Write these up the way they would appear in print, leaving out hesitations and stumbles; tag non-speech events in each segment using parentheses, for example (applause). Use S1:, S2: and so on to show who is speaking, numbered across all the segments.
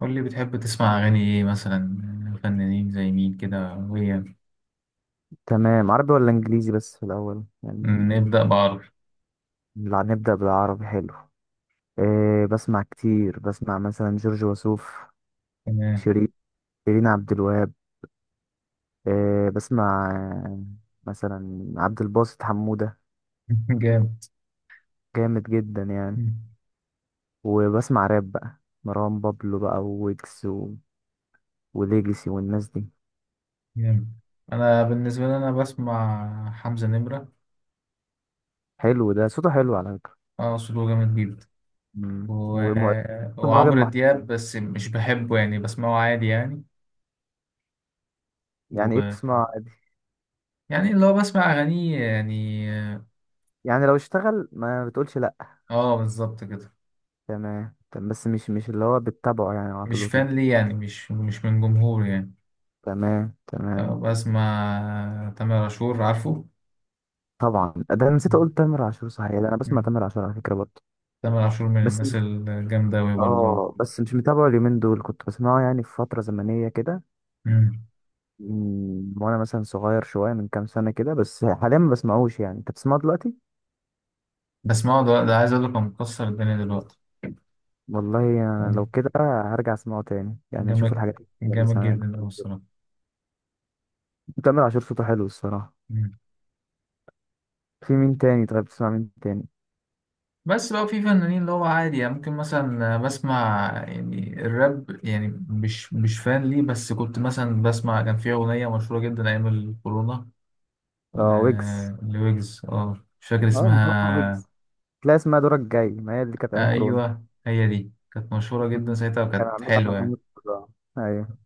S1: قول لي بتحب تسمع أغاني إيه مثلا، فنانين زي مين كده. وهي
S2: تمام. عربي ولا انجليزي بس في الاول يعني؟
S1: نبدأ بعربي.
S2: لا، نبدأ بالعربي. حلو. إيه بسمع كتير، بسمع مثلا جورج وسوف،
S1: تمام.
S2: شيرين، شيرين عبد الوهاب. إيه بسمع، آه، مثلا عبد الباسط حمودة.
S1: (laughs) جامد.
S2: جامد جدا يعني. وبسمع راب بقى، مروان بابلو بقى وويجز وليجسي والناس دي.
S1: جامد. أنا بالنسبة لي أنا بسمع حمزة نمرة.
S2: حلو، ده صوته حلو على فكرة.
S1: أه، صوته جامد جدا.
S2: مم.
S1: و...
S2: وم...
S1: (laughs)
S2: مهرجان
S1: وعمرو دياب
S2: محترم.
S1: بس مش بحبه، يعني بسمعه عادي يعني.
S2: يعني ايه
S1: و...
S2: بتسمعه عادي؟
S1: يعني اللي هو بسمع أغانيه يعني.
S2: يعني لو اشتغل ما بتقولش لا.
S1: أه بالظبط كده.
S2: تمام. طب بس مش اللي هو بتتابعه يعني على طول
S1: مش فان
S2: وكده.
S1: ليه يعني، مش من جمهور يعني.
S2: تمام، تمام.
S1: بسمع تامر عاشور عارفه.
S2: طبعا، ده انا نسيت اقول تامر عاشور، صحيح ده انا بسمع تامر عاشور على فكره برضه.
S1: تامر عاشور من
S2: بس
S1: الناس
S2: مش
S1: الجامدة أوي برضه.
S2: اه بس مش متابعه اليومين دول، كنت بسمعه يعني في فتره زمنيه كده.
S1: مم.
S2: وانا مثلا صغير شويه من كام سنه كده، بس حاليا ما بسمعوش. يعني انت بتسمعه دلوقتي؟
S1: بس ما هو ده, ده عايز أقول لك هو مكسر الدنيا دلوقتي.
S2: والله انا لو
S1: مم.
S2: كده هرجع اسمعه تاني، يعني اشوف
S1: جامد.
S2: الحاجات اللي
S1: جامد
S2: سمعت.
S1: جدا أوي الصراحة.
S2: تامر عاشور صوته حلو الصراحه.
S1: مم.
S2: في مين تاني؟ طيب بتسمع مين تاني؟
S1: بس بقى في فنانين اللي هو عادي يعني، ممكن مثلا بسمع يعني الراب يعني، مش فان ليه، بس كنت مثلا بسمع، كان في أغنية مشهورة جدا أيام الكورونا. ل...
S2: اه، ويجز.
S1: لويجز، اه مش فاكر
S2: اه، ما هو
S1: اسمها.
S2: ويجز. لا، اسمها دورك جاي، ما هي اللي كانت ايام
S1: آه
S2: كورونا.
S1: أيوه، هي دي كانت مشهورة جدا
S2: مم.
S1: ساعتها
S2: كان
S1: وكانت
S2: عاملها على
S1: حلوة يعني.
S2: محمد صلاح. ايوه.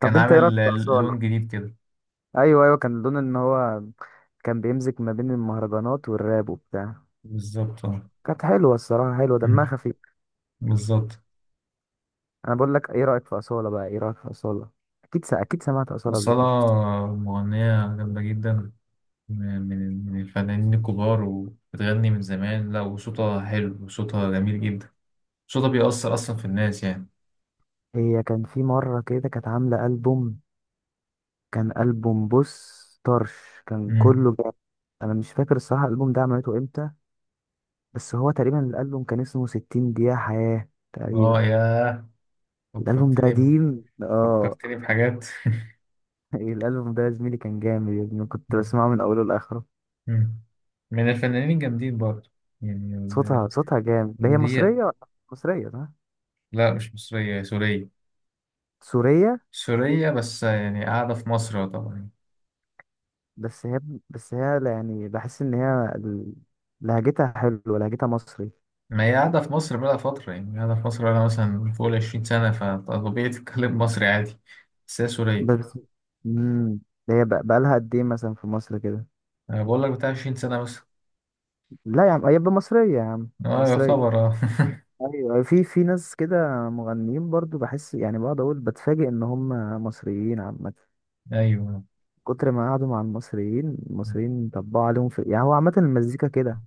S1: كان
S2: طب انت ايه
S1: عامل
S2: رايك في اصاله؟
S1: لون جديد كده.
S2: ايوه، ايوه، كان لون، ان هو كان بيمزج ما بين المهرجانات والراب وبتاع.
S1: بالظبط اه.
S2: كانت حلوه الصراحه، حلوه، دمها خفيف.
S1: بالظبط.
S2: انا بقول لك ايه رايك في اصاله بقى، ايه رايك في اصاله؟ اكيد سمعت اصاله قبل كده.
S1: الصلاة مغنية جامدة جدا. من الفنانين الكبار، وبتغني من زمان، لا وصوتها حلو وصوتها جميل جدا. صوتها بيأثر أصلا في الناس يعني.
S2: هي كان في مره كده كانت عامله البوم، كان البوم، بص، طرش، كان
S1: مم.
S2: كله جاب. انا مش فاكر الصراحه الالبوم ده عملته امتى، بس هو تقريبا الالبوم كان اسمه 60 دقيقه حياه
S1: اه
S2: تقريبا.
S1: يا،
S2: الالبوم ده
S1: فكرتني ب-
S2: قديم، اه.
S1: فكرتني بحاجات. (laughs)
S2: (laughs) الالبوم ده يا زميلي كان جامد، يا ابني كنت
S1: مم.
S2: بسمعه من اوله لاخره.
S1: مم. من الفنانين الجامدين برضه. يعني
S2: صوتها جامد. ده هي
S1: اللي هي،
S2: مصريه ولا؟ مصريه، صح؟
S1: لا مش مصرية، هي سورية.
S2: سوريه؟
S1: سورية بس يعني قاعدة في مصر طبعا.
S2: بس هي بس هي يعني بحس ان هي لهجتها حلوه، لهجتها مصري.
S1: ما هي قاعدة في مصر بقى فترة، يعني قاعدة في مصر بقى مثلا فوق 20 سنة، فطبيعي تتكلم مصري عادي. بس هي سورية.
S2: بس امم ده هي بقى لها قد ايه مثلا في مصر كده؟
S1: أنا بقول لك بتاع 20 سنة مثلا.
S2: لا يا عم، هي مصريه يا عم،
S1: اه
S2: مصريه.
S1: يعتبر اه.
S2: ايوه، في ناس كده مغنيين برضو بحس، يعني بقعد اقول بتفاجئ ان هم مصريين عامه.
S1: (laughs) أيوه.
S2: كتر ما قعدوا مع المصريين، المصريين طبقوا عليهم في، يعني هو عامة المزيكا كده.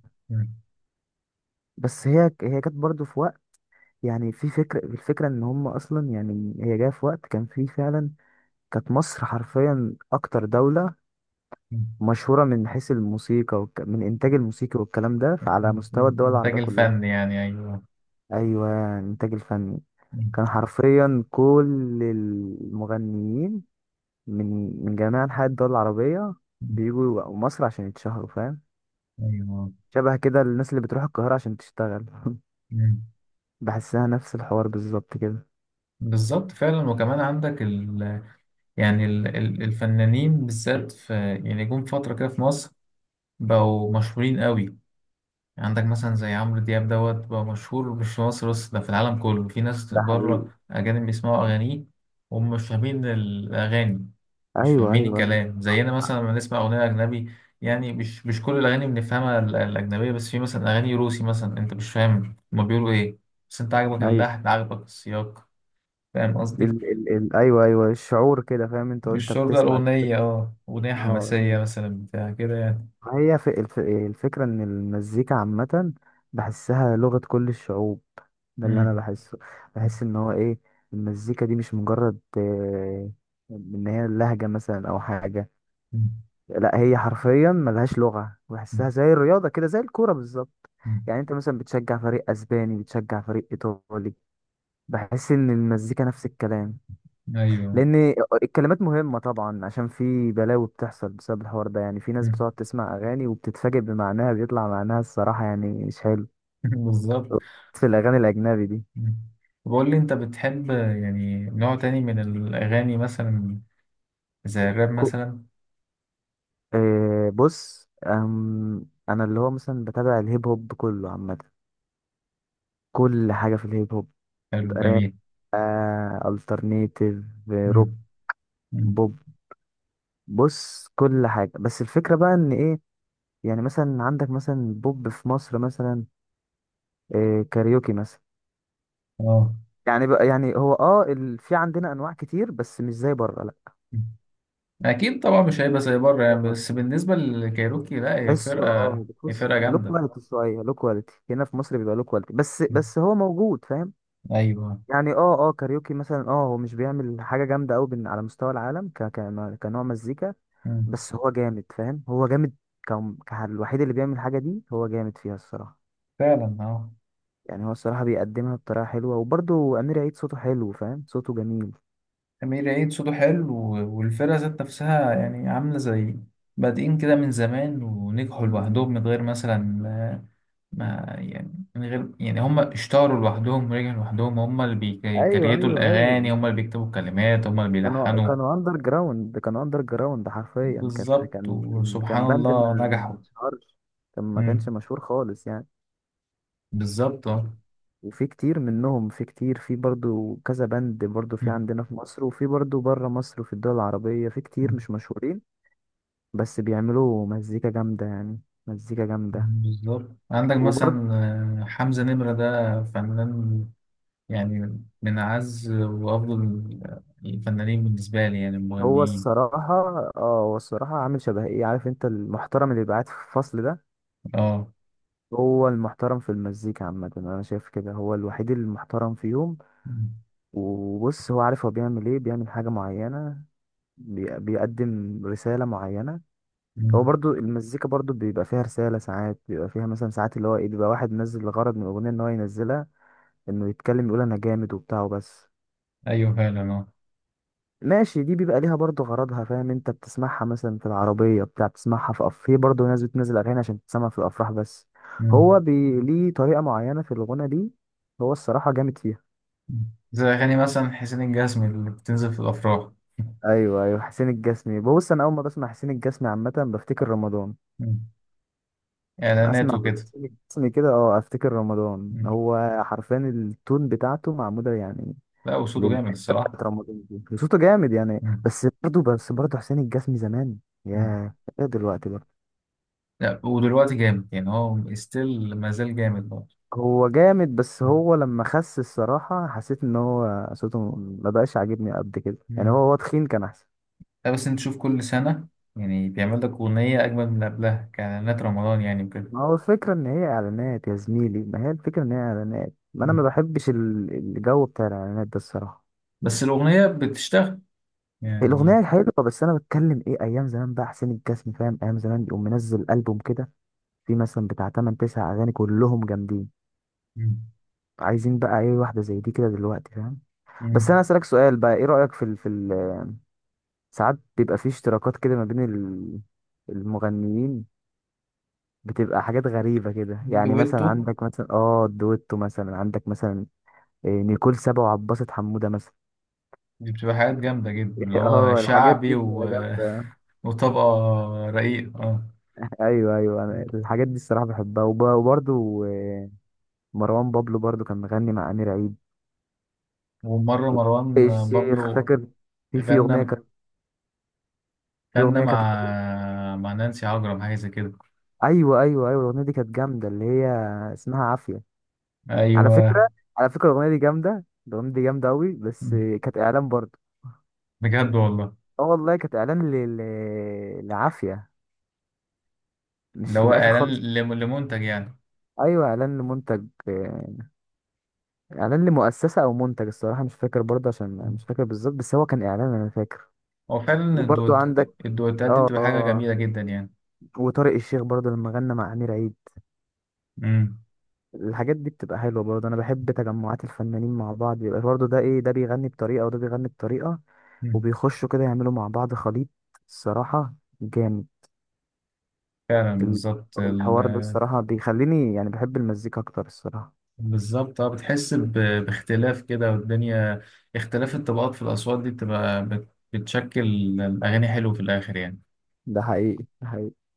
S2: بس هي كانت برضه في وقت، يعني في فكرة الفكرة ان هم اصلا، يعني هي جاية في وقت كان فيه فعلا كانت مصر حرفيا اكتر دولة مشهورة من حيث الموسيقى من انتاج الموسيقى والكلام ده على مستوى الدول
S1: الإنتاج
S2: العربية كلها.
S1: الفني يعني، أيوه
S2: ايوه، انتاج الفني. كان حرفيا كل المغنيين من من جميع انحاء الدول العربية بيجوا مصر عشان يتشهروا، فاهم؟
S1: أيوه.
S2: شبه كده الناس اللي بتروح القاهرة عشان تشتغل. (laughs) بحسها نفس الحوار بالظبط كده.
S1: بالظبط فعلا. وكمان عندك يعني الفنانين بالذات في، يعني جم فترة كده في مصر بقوا مشهورين قوي. عندك مثلا زي عمرو دياب، دوت بقى مشهور مش في مصر بس، ده في العالم كله، في ناس
S2: ده حقيقي.
S1: بره أجانب بيسمعوا أغانيه وهم مش فاهمين الأغاني. مش
S2: ايوه،
S1: فاهمين
S2: ايوه،
S1: الكلام، زينا مثلا لما نسمع أغنية أجنبي. يعني مش كل الأغاني بنفهمها، الأجنبية، بس في مثلا أغاني روسي مثلا، أنت مش فاهم هما بيقولوا إيه، بس أنت عاجبك
S2: ايوه.
S1: اللحن عاجبك السياق. فاهم
S2: ال
S1: قصدي؟
S2: ال ال ايوه، ايوه، الشعور كده. فاهم انت وانت
S1: الشعور ده،
S2: بتسمع كده؟
S1: الأغنية أه، أغنية
S2: اه،
S1: حماسية مثلا بتاع كده يعني.
S2: ما هي في الفكرة ان المزيكا عامة بحسها لغة كل الشعوب. ده اللي انا
S1: مم.
S2: بحسه.
S1: مم.
S2: بحس ان هو ايه، المزيكا دي مش مجرد ان هي لهجة مثلا او حاجة.
S1: مم.
S2: لا، هي حرفيا ملهاش لغة، بحسها زي الرياضة كده، زي الكورة بالظبط.
S1: مم.
S2: يعني انت مثلا بتشجع فريق اسباني، بتشجع فريق ايطالي، بحس ان المزيكا نفس الكلام.
S1: أيوه.
S2: لان الكلمات مهمة طبعا، عشان في بلاوي بتحصل بسبب الحوار ده. يعني في ناس
S1: مم.
S2: بتقعد تسمع اغاني وبتتفاجئ بمعناها، بيطلع معناها الصراحة يعني مش حلو،
S1: (laughs) بالظبط.
S2: في الاغاني الاجنبي دي.
S1: مم. بقول لي انت بتحب يعني نوع تاني من الاغاني مثلا، زي الراب
S2: كو...
S1: مثلا.
S2: آه بص، انا اللي هو مثلا بتابع الهيب هوب كله عامة، كل حاجة في الهيب هوب،
S1: حلو جميل.
S2: الترنيتيف،
S1: مم.
S2: روك،
S1: مم.
S2: بوب. بص كل حاجه، بس الفكره بقى ان ايه، يعني مثلا عندك مثلا بوب في مصر مثلا، إيه، كاريوكي مثلا.
S1: اه.
S2: يعني بقى يعني هو في عندنا انواع كتير بس مش زي بره، لا.
S1: مم. اكيد طبعا مش هيبقى زي بره
S2: هو
S1: يعني،
S2: بره
S1: بس بالنسبه للكايروكي لا، هي
S2: تحس
S1: فرقه، هي
S2: بتحس
S1: فرقه
S2: له
S1: جامده.
S2: كواليتي شويه، له كواليتي. هنا في مصر بيبقى له كواليتي، بس
S1: مم.
S2: بس هو موجود، فاهم؟
S1: ايوه.
S2: يعني كاريوكي مثلا، هو مش بيعمل حاجة جامدة قوي على مستوى العالم كنوع مزيكا.
S1: مم.
S2: بس هو جامد، فاهم؟ هو جامد. الوحيد اللي بيعمل الحاجة دي هو جامد فيها الصراحة.
S1: فعلا اه.
S2: يعني هو الصراحة بيقدمها بطريقة حلوة، وبرضه أمير عيد صوته حلو، فاهم؟ صوته جميل.
S1: امير عيد صوته حلو، والفرقه ذات نفسها يعني عامله زي، بادئين كده من زمان ونجحوا
S2: مم.
S1: لوحدهم من غير مثلا، ما يعني من غير يعني، هم اشتهروا لوحدهم ورجعوا لوحدهم، هم اللي
S2: ايوه،
S1: بيكريتوا
S2: ايوه، ايوه.
S1: الأغاني، هم اللي بيكتبوا الكلمات، هم اللي
S2: كانوا
S1: بيلحنوا.
S2: كانوا أندر جراوند، كانوا أندر جراوند حرفيا، كانت
S1: بالظبط
S2: كان كان
S1: وسبحان
S2: كان باند ما
S1: الله
S2: ما
S1: نجحوا.
S2: اتشهرش. كان ما كانش
S1: مم.
S2: مشهور خالص يعني.
S1: بالظبط اه.
S2: وفي كتير منهم، في كتير، في برضو كذا بند، برضو في
S1: مم.
S2: عندنا في مصر، وفي برضو بره مصر، وفي الدول العربية في كتير
S1: مم.
S2: مش مشهورين. بس بيعملوا مزيكا جامدة يعني، مزيكا جامدة.
S1: بالظبط. عندك
S2: وبرضو،
S1: مثلا حمزة نمرة، ده فنان يعني من أعز وأفضل الفنانين بالنسبة لي، يعني
S2: هو
S1: المغنيين.
S2: الصراحة اه هو الصراحة عامل شبه ايه، عارف انت المحترم اللي بيبقى قاعد في الفصل ده؟
S1: اه.
S2: هو المحترم في المزيكا عامة، انا شايف كده، هو الوحيد المحترم فيهم.
S1: مم.
S2: وبص، هو عارف هو بيعمل ايه، بيعمل حاجة معينة، بيقدم رسالة معينة.
S1: مم.
S2: هو برضو المزيكا برضو بيبقى فيها رسالة ساعات، بيبقى فيها مثلا ساعات اللي هو ايه، بيبقى واحد منزل الغرض من الأغنية ان هو ينزلها، انه يتكلم يقول انا جامد وبتاع وبس.
S1: أيوه فعلا
S2: ماشي، دي بيبقى ليها برضو غرضها، فاهم؟ انت بتسمعها مثلا في العربية بتاع، بتسمعها في في برضو ناس بتنزل أغاني عشان تسمع في الأفراح بس. هو
S1: اه.
S2: ليه طريقة معينة في الغنى دي، هو الصراحة جامد فيها.
S1: زي أغاني مثلا حسين الجسمي اللي بتنزل في الأفراح.
S2: ايوه، ايوه، حسين الجسمي، بص انا اول ما بسمع حسين الجسمي عامة بفتكر رمضان.
S1: مم. إعلانات
S2: اسمع،
S1: وكده.
S2: اسمي كده، افتكر رمضان.
S1: مم.
S2: هو حرفيا التون بتاعته معموله يعني
S1: لا وصوته جامد
S2: للحته
S1: الصراحة.
S2: بتاعت رمضان دي، صوته جامد يعني.
S1: مم.
S2: بس برضه حسين الجسمي زمان.
S1: مم.
S2: ياه. ايه دلوقتي بقى؟
S1: لا ودلوقتي جامد يعني، هو ستيل ما زال جامد برضه.
S2: هو جامد، بس
S1: مم.
S2: هو لما خس الصراحه حسيت ان هو صوته ما بقاش عاجبني قد كده. يعني
S1: مم.
S2: هو تخين كان احسن.
S1: لا بس أنت تشوف كل سنة، يعني بيعمل لك أغنية أجمل من اللي قبلها كإعلانات رمضان يعني وكده.
S2: ما هو الفكره ان هي اعلانات يا زميلي، ما هي الفكره ان هي اعلانات، ما انا
S1: مم.
S2: ما بحبش الجو بتاع الاعلانات ده الصراحه.
S1: بس الأغنية بتشتغل يعني.
S2: الأغنية حلوة بس أنا بتكلم إيه، أيام زمان بقى حسين الجسمي فاهم، أيام زمان يقوم منزل ألبوم كده فيه مثلا بتاع 8 9 أغاني كلهم جامدين.
S1: مم.
S2: عايزين بقى إيه واحدة زي دي كده دلوقتي، فاهم؟ بس
S1: مم.
S2: أنا أسألك سؤال بقى، إيه رأيك؟ في ال في ال ساعات بيبقى فيه اشتراكات كده ما بين المغنيين، بتبقى حاجات غريبة كده. يعني مثلا
S1: دويتو.
S2: عندك مثلا دويتو مثلا، عندك مثلا إيه، نيكول سابا وعباسة حمودة مثلا.
S1: دي بتبقى حاجات جامدة جدا، اللي
S2: (laughs)
S1: هو
S2: اه، الحاجات
S1: شعبي
S2: دي
S1: و...
S2: بتبقى جامدة.
S1: (laughs) وطبقة رقيقة.
S2: ايوه، ايوه، انا
S1: اه.
S2: الحاجات دي الصراحه بحبها وبرضو مروان بابلو برضو كان مغني مع امير عيد
S1: ومرة مروان
S2: الشيخ،
S1: بابلو،
S2: فاكر؟ في اغنيه
S1: غنى
S2: كانت، في
S1: غنى
S2: اغنيه كانت،
S1: مع، مع نانسي عجرم، حاجة زي كده.
S2: ايوه، ايوه، ايوه، الاغنيه دي كانت جامده اللي هي اسمها عافيه، على
S1: أيوه.
S2: فكره. على فكره الاغنيه دي جامده، الاغنيه دي جامده قوي، بس كانت اعلان برضه.
S1: بجد والله.
S2: اه والله كانت اعلان لعافيه،
S1: اللي
S2: مش في
S1: هو
S2: الاخر
S1: إعلان،
S2: خالص.
S1: لمنتج يعني.
S2: ايوه، اعلان لمنتج، اعلان لمؤسسه او منتج الصراحه مش فاكر برضه، عشان
S1: مم.
S2: مش فاكر بالظبط، بس هو كان اعلان انا فاكر.
S1: هو فعلا
S2: وبرضه
S1: الدوت،
S2: عندك،
S1: الدوتات دي
S2: اه
S1: بتبقى حاجة
S2: اه
S1: جميلة جدا يعني.
S2: وطارق الشيخ برضه لما غنى مع امير عيد.
S1: مم.
S2: الحاجات دي بتبقى حلوة برضه، أنا بحب تجمعات الفنانين مع بعض، بيبقى برضه ده إيه، ده بيغني بطريقة وده بيغني بطريقة،
S1: مم.
S2: وبيخشوا كده يعملوا مع بعض خليط الصراحة جامد.
S1: فعلا
S2: ال-
S1: بالظبط
S2: الحوار ده الصراحة بيخليني يعني بحب المزيكا أكتر الصراحة.
S1: بالظبط اه. بتحس ب... باختلاف كده والدنيا، اختلاف الطبقات في الأصوات دي بتبقى بتشكل الأغاني حلو في الآخر يعني.
S2: ده حقيقي، ده حقيقي.